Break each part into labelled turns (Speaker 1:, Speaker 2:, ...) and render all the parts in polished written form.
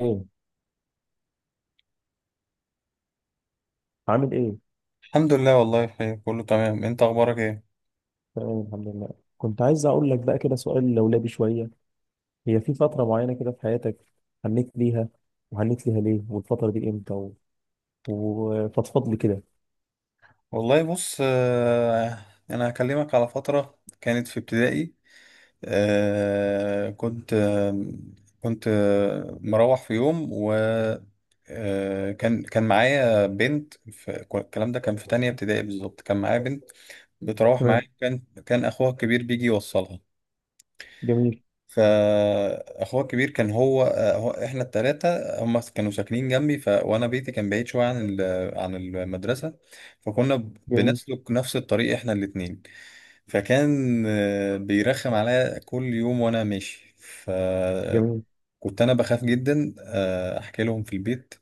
Speaker 1: ايه؟ عامل ايه؟
Speaker 2: الحمد لله، والله بخير، كله تمام. انت اخبارك ايه؟
Speaker 1: تمام الحمد لله. كنت عايز اقول لك بقى كده سؤال لولبي شويه. هي في فتره معينه كده في حياتك هنيت ليها، وهنيت ليها ليه، والفتره دي امتى، وفضفض لي كده.
Speaker 2: والله بص. انا هكلمك على فترة كانت في ابتدائي. آه، كنت آه، كنت مروح في يوم، و كان معايا بنت الكلام ده كان في تانية ابتدائي بالظبط. كان معايا بنت بتروح معايا،
Speaker 1: تمام.
Speaker 2: كان اخوها الكبير بيجي يوصلها.
Speaker 1: جميل.
Speaker 2: فاخوه الكبير كان هو احنا التلاتة هم كانوا ساكنين جنبي. وانا بيتي كان بعيد شوية عن المدرسة. فكنا
Speaker 1: جميل.
Speaker 2: بنسلك نفس الطريق احنا الاتنين. فكان بيرخم عليا كل يوم وانا ماشي،
Speaker 1: جميل.
Speaker 2: فكنت انا بخاف جدا احكي لهم في البيت،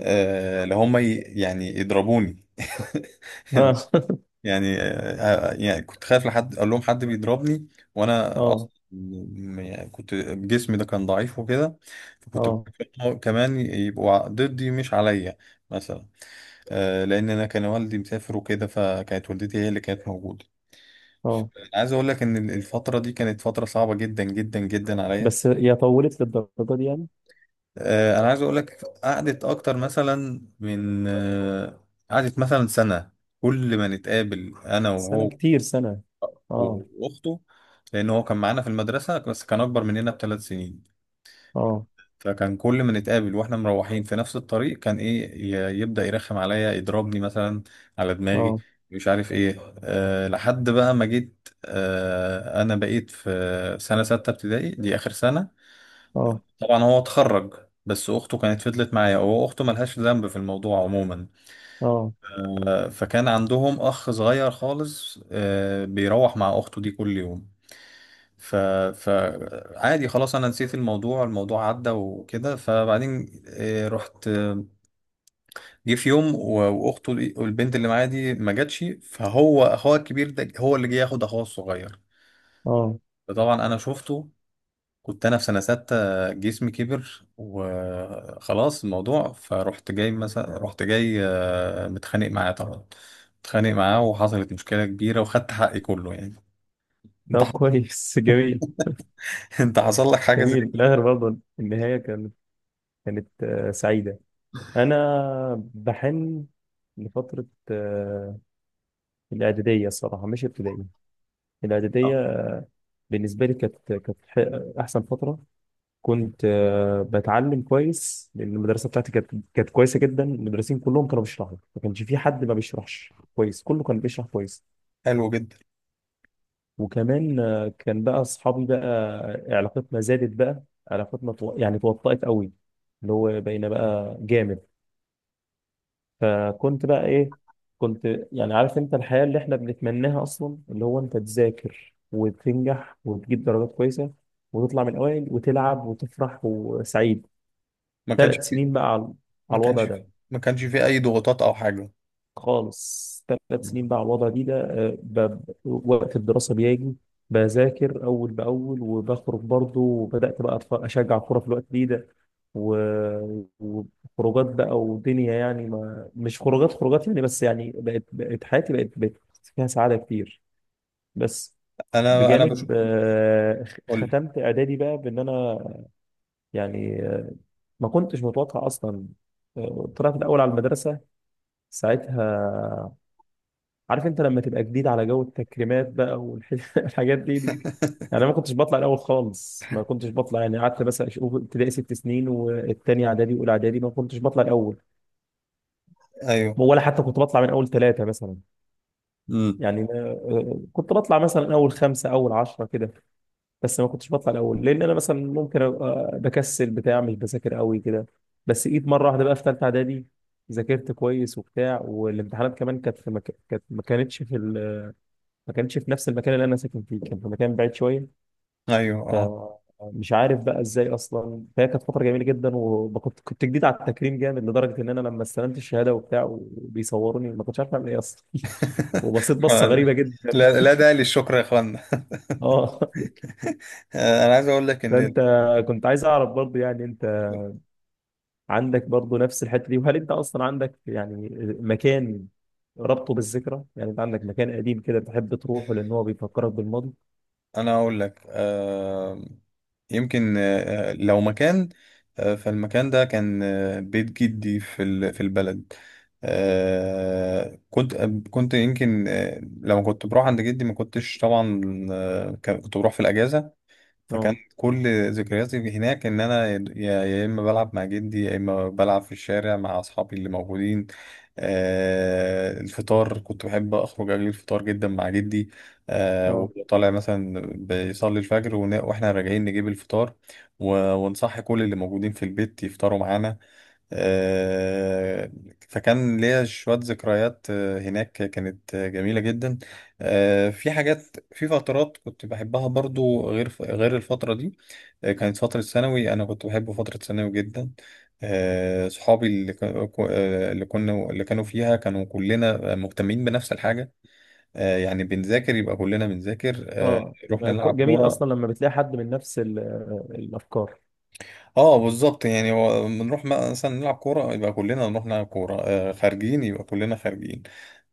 Speaker 2: اللي هم يعني يضربوني.
Speaker 1: اه.
Speaker 2: اللي يعني آه، آه، يعني كنت خايف لحد اقول لهم حد بيضربني، وانا
Speaker 1: اه.
Speaker 2: اصلا يعني كنت جسمي ده كان ضعيف وكده. فكنت
Speaker 1: اه.
Speaker 2: بخاف كمان يبقوا ضدي مش عليا مثلا. لان انا كان والدي مسافر وكده، فكانت والدتي هي اللي كانت موجوده.
Speaker 1: اه.
Speaker 2: انا عايز اقول لك ان الفتره دي كانت فتره صعبه جدا جدا جدا عليا.
Speaker 1: بس هي طولت للدرجه دي يعني؟
Speaker 2: انا عايز اقول لك قعدت اكتر مثلا من قعدت مثلا سنه، كل ما نتقابل انا
Speaker 1: سنه؟
Speaker 2: وهو
Speaker 1: كتير سنه. اه.
Speaker 2: واخته. لان هو كان معانا في المدرسه، بس كان اكبر مننا بثلاث سنين.
Speaker 1: اه.
Speaker 2: فكان كل ما نتقابل واحنا مروحين في نفس الطريق، كان ايه يبدا يرخم عليا يضربني مثلا على دماغي،
Speaker 1: اه.
Speaker 2: مش عارف ايه. أه، لحد بقى ما جيت، أه انا بقيت في سنه سته ابتدائي دي اخر سنه.
Speaker 1: اه.
Speaker 2: طبعا هو اتخرج، بس اخته كانت فضلت معايا، هو اخته ملهاش ذنب في الموضوع عموما.
Speaker 1: اه.
Speaker 2: أه، فكان عندهم اخ صغير خالص أه بيروح مع اخته دي كل يوم. ف فعادي خلاص، انا نسيت الموضوع، الموضوع عدى وكده. فبعدين رحت جه في يوم والبنت اللي معايا دي ما جاتش، فهو اخوها الكبير ده هو اللي جه ياخد اخوها الصغير.
Speaker 1: اه.
Speaker 2: فطبعا انا شفته. كنت انا في سنه سته، جسمي كبر، وخلاص الموضوع. فرحت جاي مثلا، رحت جاي متخانق معاه طبعا، متخانق معاه، وحصلت مشكله كبيره وخدت حقي كله يعني. انت
Speaker 1: طب
Speaker 2: حصل-
Speaker 1: كويس. جميل.
Speaker 2: انت حصل لك حاجه زي
Speaker 1: جميل في
Speaker 2: كده؟
Speaker 1: الاخر برضه، النهايه كانت سعيده. انا بحن لفتره، الاعداديه الصراحه، مش ابتدائي، الاعداديه.
Speaker 2: آه،
Speaker 1: بالنسبه لي كانت احسن فتره. كنت بتعلم كويس، لان المدرسه بتاعتي كانت كويسه جدا، المدرسين كلهم كانوا بيشرحوا، ما كانش في حد ما بيشرحش كويس، كله كان بيشرح كويس.
Speaker 2: حلو جدا.
Speaker 1: وكمان كان بقى اصحابي بقى، علاقتنا زادت بقى، علاقتنا يعني توطأت قوي، اللي هو بقينا بقى جامد. فكنت بقى ايه؟ كنت، يعني عارف انت الحياة اللي احنا بنتمناها اصلا، اللي هو انت تذاكر وتنجح وتجيب درجات كويسة، وتطلع من الاوائل وتلعب وتفرح وسعيد.
Speaker 2: ما كانش
Speaker 1: ثلاث سنين بقى على
Speaker 2: ما
Speaker 1: الوضع
Speaker 2: كانش فيه
Speaker 1: ده
Speaker 2: ما كانش فيه اي ضغوطات او حاجه.
Speaker 1: خالص. ثلاث سنين بقى على الوضع دي ده، وقت الدراسة بيجي، بذاكر أول بأول وبخرج برضه، وبدأت بقى أشجع كورة في الوقت دي ده، و- وخروجات بقى ودنيا. يعني ما مش خروجات خروجات، يعني بس يعني بقت حياتي بقت فيها سعادة كتير. بس
Speaker 2: انا
Speaker 1: بجانب
Speaker 2: بشوف، قول لي.
Speaker 1: ختمت إعدادي بقى بإن أنا يعني، ما كنتش متوقع أصلا، طلعت الأول على المدرسة ساعتها. عارف انت لما تبقى جديد على جو التكريمات بقى، والحاجات دي دي. يعني انا ما كنتش بطلع الاول خالص، ما كنتش بطلع، يعني قعدت بس اشوف، ابتدائي 6 سنين والتاني اعدادي واولى اعدادي ما كنتش بطلع الاول،
Speaker 2: ايوه.
Speaker 1: ولا حتى كنت بطلع من اول ثلاثه مثلا.
Speaker 2: امم.
Speaker 1: يعني كنت بطلع مثلا اول خمسه اول 10 كده، بس ما كنتش بطلع الاول، لان انا مثلا ممكن ابقى بكسل بتاع، مش بذاكر قوي كده. بس جيت مره واحده بقى في ثالثه اعدادي، ذاكرت كويس وبتاع، والامتحانات كمان كانت ما كانتش في ال... ما كانتش في نفس المكان اللي انا ساكن فيه، كان في مكان بعيد شويه.
Speaker 2: ايوه. اه.
Speaker 1: فمش عارف بقى ازاي اصلا، فهي كانت فتره جميله جدا، وكنت جديد على التكريم جامد، لدرجه ان انا لما استلمت الشهاده وبتاع وبيصوروني ما كنتش عارف اعمل ايه اصلا. وبصيت بصه غريبه جدا.
Speaker 2: لا، لا داعي للشكر يا اخوانا.
Speaker 1: اه.
Speaker 2: انا عايز اقول لك ان
Speaker 1: فانت كنت عايز اعرف برضه يعني، انت عندك برضه نفس الحته دي؟ وهل انت اصلا عندك يعني مكان ربطه بالذكرى؟ يعني انت عندك مكان قديم كده بتحب تروحه لان هو بيفكرك بالماضي؟
Speaker 2: انا اقول لك يمكن لو مكان، فالمكان ده كان بيت جدي في البلد. آه، كنت كنت يمكن لما كنت بروح عند جدي ما كنتش طبعا كنت بروح في الاجازه. فكان
Speaker 1: اه.
Speaker 2: كل ذكرياتي هناك ان انا يا اما بلعب مع جدي، يا اما بلعب في الشارع مع اصحابي اللي موجودين. آه، الفطار كنت بحب اخرج اجيب الفطار جدا مع جدي. آه،
Speaker 1: اه.
Speaker 2: وطالع مثلا بيصلي الفجر، واحنا راجعين نجيب الفطار، ونصحي كل اللي موجودين في البيت يفطروا معانا. آه، فكان ليا شوية ذكريات هناك كانت جميلة جدا. في حاجات، في فترات كنت بحبها برضو غير الفترة دي. كانت فترة ثانوي، أنا كنت بحب فترة ثانوي جدا. صحابي اللي كا- كو- آه، اللي كنا، اللي كانوا فيها، كانوا كلنا مهتمين بنفس الحاجة. يعني بنذاكر يبقى كلنا بنذاكر،
Speaker 1: اه.
Speaker 2: رحنا
Speaker 1: يبقى
Speaker 2: نلعب
Speaker 1: جميل
Speaker 2: كورة.
Speaker 1: اصلا لما بتلاقي حد من نفس الافكار.
Speaker 2: اه بالظبط. يعني هو بنروح مثلا نلعب كورة يبقى كلنا نروح نلعب كورة، آه خارجين يبقى كلنا خارجين.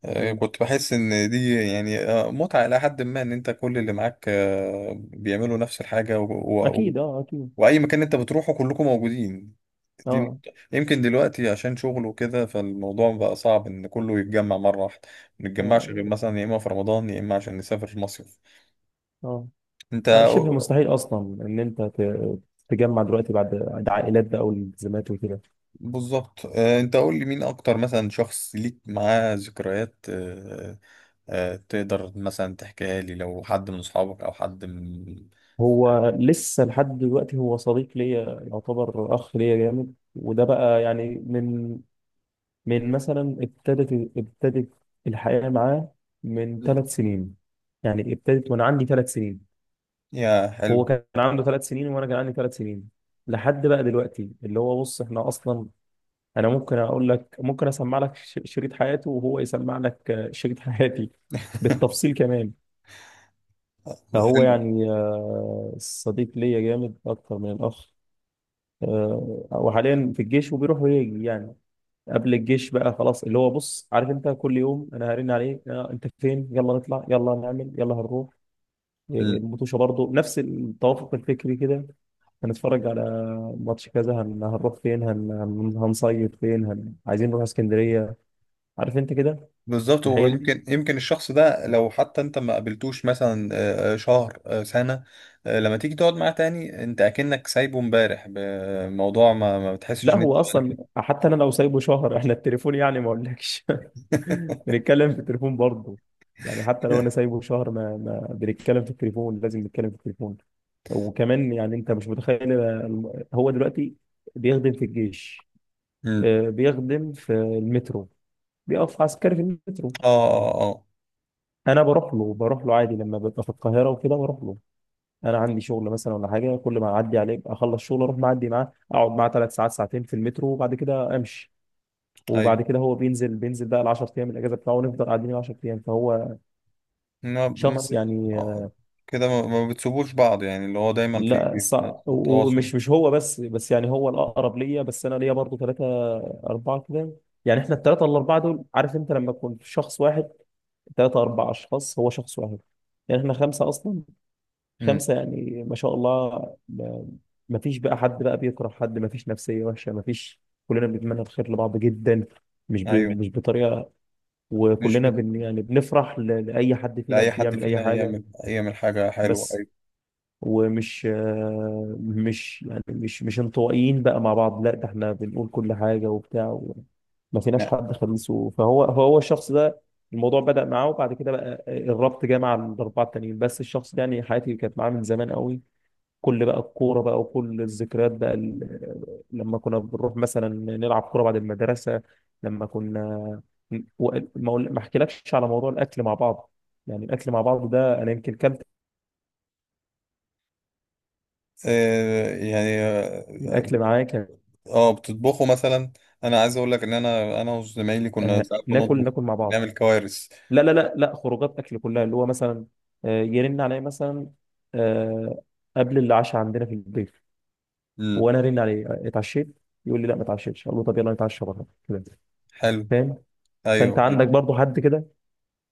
Speaker 2: آه،
Speaker 1: مم.
Speaker 2: كنت بحس ان دي يعني آه متعة إلى حد ما، ان انت كل اللي معاك آه بيعملوا نفس الحاجة. و... و...
Speaker 1: اكيد اه اكيد.
Speaker 2: واي مكان انت بتروحه كلكم موجودين، دي نقطة.
Speaker 1: اه.
Speaker 2: يمكن دلوقتي عشان شغل وكده، فالموضوع بقى صعب ان كله يتجمع مرة واحدة، ما نتجمعش غير
Speaker 1: اه.
Speaker 2: مثلا يا اما في رمضان يا اما عشان نسافر مصيف.
Speaker 1: اه.
Speaker 2: انت
Speaker 1: شبه مستحيل اصلا ان انت تجمع دلوقتي بعد عائلات بقى والالتزامات وكده.
Speaker 2: بالظبط. انت قول لي، مين اكتر مثلا شخص ليك معاه ذكريات، تقدر مثلا تحكيها لي؟ لو حد من اصحابك او حد من...
Speaker 1: هو لسه لحد دلوقتي هو صديق ليا، يعتبر اخ ليا جامد، وده بقى يعني من مثلا ابتدت الحياة معاه من 3 سنين. يعني ابتدت وانا عندي 3 سنين،
Speaker 2: يا حلو.
Speaker 1: هو كان عنده 3 سنين وانا كان عندي 3 سنين. لحد بقى دلوقتي اللي هو بص، احنا اصلا انا ممكن اقول لك، ممكن اسمع لك شريط حياته وهو يسمع لك شريط حياتي بالتفصيل كمان. فهو
Speaker 2: حلو.
Speaker 1: يعني صديق ليا جامد اكتر من الاخ. وحاليا في الجيش وبيروح ويجي يعني. قبل الجيش بقى خلاص، اللي هو بص عارف انت، كل يوم انا هرن عليك، انت فين، يلا نطلع، يلا نعمل، يلا هنروح،
Speaker 2: مم.
Speaker 1: المطوشه برضه، نفس التوافق الفكري كده. هنتفرج على ماتش كذا، هنروح فين، هنصيف فين، عايزين نروح اسكندرية، عارف انت كده
Speaker 2: بالظبط.
Speaker 1: الحاجات
Speaker 2: ويمكن
Speaker 1: دي.
Speaker 2: يمكن يمكن الشخص ده، لو حتى انت ما قابلتوش مثلا شهر سنة، لما تيجي تقعد معاه تاني انت اكنك سايبه امبارح بموضوع، ما بتحسش
Speaker 1: لا،
Speaker 2: ان انت...
Speaker 1: هو اصلا حتى انا لو سايبه شهر، احنا التليفون يعني، ما اقولكش. بنتكلم في التليفون برضه. يعني حتى لو انا سايبه شهر ما بنتكلم في التليفون، لازم نتكلم في التليفون. وكمان يعني انت مش متخيل هو دلوقتي بيخدم في الجيش،
Speaker 2: مم.
Speaker 1: بيخدم في المترو، بيقف عسكري في المترو.
Speaker 2: اه اه اه.
Speaker 1: انا بروح له عادي لما ببقى في القاهره وكده بروح له. انا عندي شغل مثلا ولا حاجه، كل ما اعدي عليه اخلص شغل اروح معدي معاه، اقعد معاه 3 ساعات ساعتين في المترو وبعد كده امشي.
Speaker 2: ايوه.
Speaker 1: وبعد كده هو بينزل بقى ال 10 ايام الاجازه بتاعه، ونفضل قاعدين ال 10 ايام. فهو
Speaker 2: ما ما
Speaker 1: شخص
Speaker 2: بت...
Speaker 1: يعني،
Speaker 2: آه، كده ما بتسيبوش بعض، يعني اللي هو دايما في
Speaker 1: لا صعب،
Speaker 2: تواصل.
Speaker 1: ومش مش هو بس يعني هو الاقرب ليا. بس انا ليا برضه ثلاثه اربعه كده، يعني احنا الثلاثه الاربعه دول، عارف انت لما تكون شخص واحد، ثلاثة أربع أشخاص هو شخص واحد، يعني إحنا خمسة أصلا،
Speaker 2: امم.
Speaker 1: خمسة يعني ما شاء الله. ما فيش بقى حد بقى بيكره حد، ما فيش نفسية وحشة، ما فيش، كلنا بنتمنى الخير لبعض جدا، مش ب...
Speaker 2: ايوه.
Speaker 1: مش بطريقة.
Speaker 2: مش بت...
Speaker 1: يعني بنفرح لأي حد فينا
Speaker 2: لأي حد
Speaker 1: بيعمل أي
Speaker 2: فينا
Speaker 1: حاجة.
Speaker 2: يعمل حاجة حلوة،
Speaker 1: بس،
Speaker 2: ايوه.
Speaker 1: ومش آه، مش يعني مش مش انطوائيين بقى مع بعض، لا ده احنا بنقول كل حاجة وبتاع. ما فيناش
Speaker 2: نعم.
Speaker 1: حد خميسه. فهو الشخص ده، الموضوع بدأ معاه، وبعد كده بقى الربط جه مع الأربعة التانيين. بس الشخص ده يعني حياتي كانت معاه من زمان قوي. كل بقى الكورة بقى وكل الذكريات بقى لما كنا بنروح مثلا نلعب كورة بعد المدرسة. لما كنا و- ما أقول- ما احكيلكش على موضوع الأكل مع بعض. يعني الأكل مع بعض ده أنا يمكن كلت
Speaker 2: آه يعني اه
Speaker 1: الأكل
Speaker 2: بت-
Speaker 1: معاك،
Speaker 2: بتطبخوا مثلا؟ انا عايز اقول لك ان انا وزمايلي كنا ساعات
Speaker 1: ناكل
Speaker 2: بنطبخ،
Speaker 1: ناكل مع بعض.
Speaker 2: بنعمل كوارث.
Speaker 1: لا، لا، لا، لا، خروجات أكل كلها، اللي هو مثلا يرن عليا مثلا آه، قبل العشاء عندنا في البيت،
Speaker 2: امم.
Speaker 1: وأنا أرن عليه، اتعشيت؟ يقول لي لا ما اتعشيتش. أقول له طب يلا نتعشى بره كده.
Speaker 2: حلو.
Speaker 1: فاهم؟ فأنت
Speaker 2: ايوه. أيوه.
Speaker 1: عندك برضو حد كده؟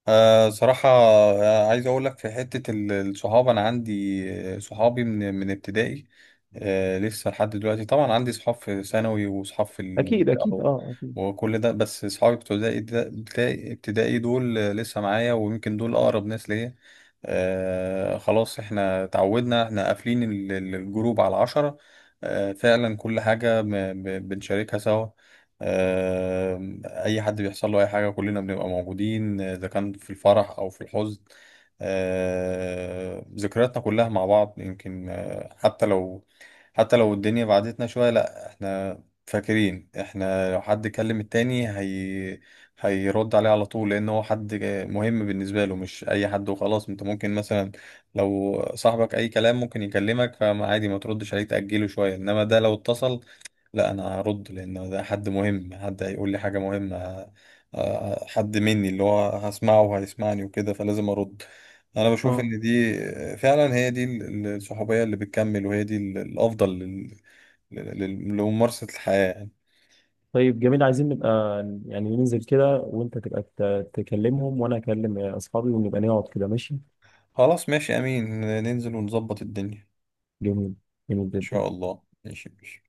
Speaker 2: أه صراحة، عايز أقول لك في حتة الصحاب، أنا عندي صحابي من ابتدائي، أه لسه لحد دلوقتي. طبعا عندي صحاب في ثانوي وصحاب في
Speaker 1: أكيد
Speaker 2: المنطقة
Speaker 1: أكيد أه أكيد.
Speaker 2: وكل ده، بس صحابي بتوع ابتدائي ابتدائي دول لسه معايا، ويمكن دول أقرب ناس ليا. أه خلاص، احنا تعودنا، احنا قافلين الجروب على عشرة. أه فعلا كل حاجة بنشاركها سوا. آه، اي حد بيحصل له اي حاجه كلنا بنبقى موجودين، اذا كان في الفرح او في الحزن. ذكرياتنا كلها مع بعض. يمكن حتى لو، حتى لو الدنيا بعدتنا شويه، لا احنا فاكرين. احنا لو حد كلم التاني، هي هيرد عليه على طول، لان هو حد مهم بالنسبه له، مش اي حد وخلاص. انت ممكن مثلا لو صاحبك اي كلام ممكن يكلمك، فما عادي ما تردش عليه تاجله شويه، انما ده لو اتصل لا انا هرد، لان ده حد مهم، حد هيقول لي حاجه مهمه، حد مني اللي هو هسمعه وهيسمعني وكده، فلازم ارد. انا بشوف
Speaker 1: اه.
Speaker 2: ان دي فعلا هي دي الصحوبيه اللي بتكمل، وهي دي الافضل لممارسه الحياه يعني.
Speaker 1: طيب جميل، عايزين نبقى يعني ننزل كده وانت تبقى تكلمهم، وانا اكلم اصحابي ونبقى نقعد كده، ماشي.
Speaker 2: خلاص ماشي، امين، ننزل ونظبط الدنيا،
Speaker 1: جميل. جميل
Speaker 2: ان
Speaker 1: جدا.
Speaker 2: شاء الله. ماشي ماشي.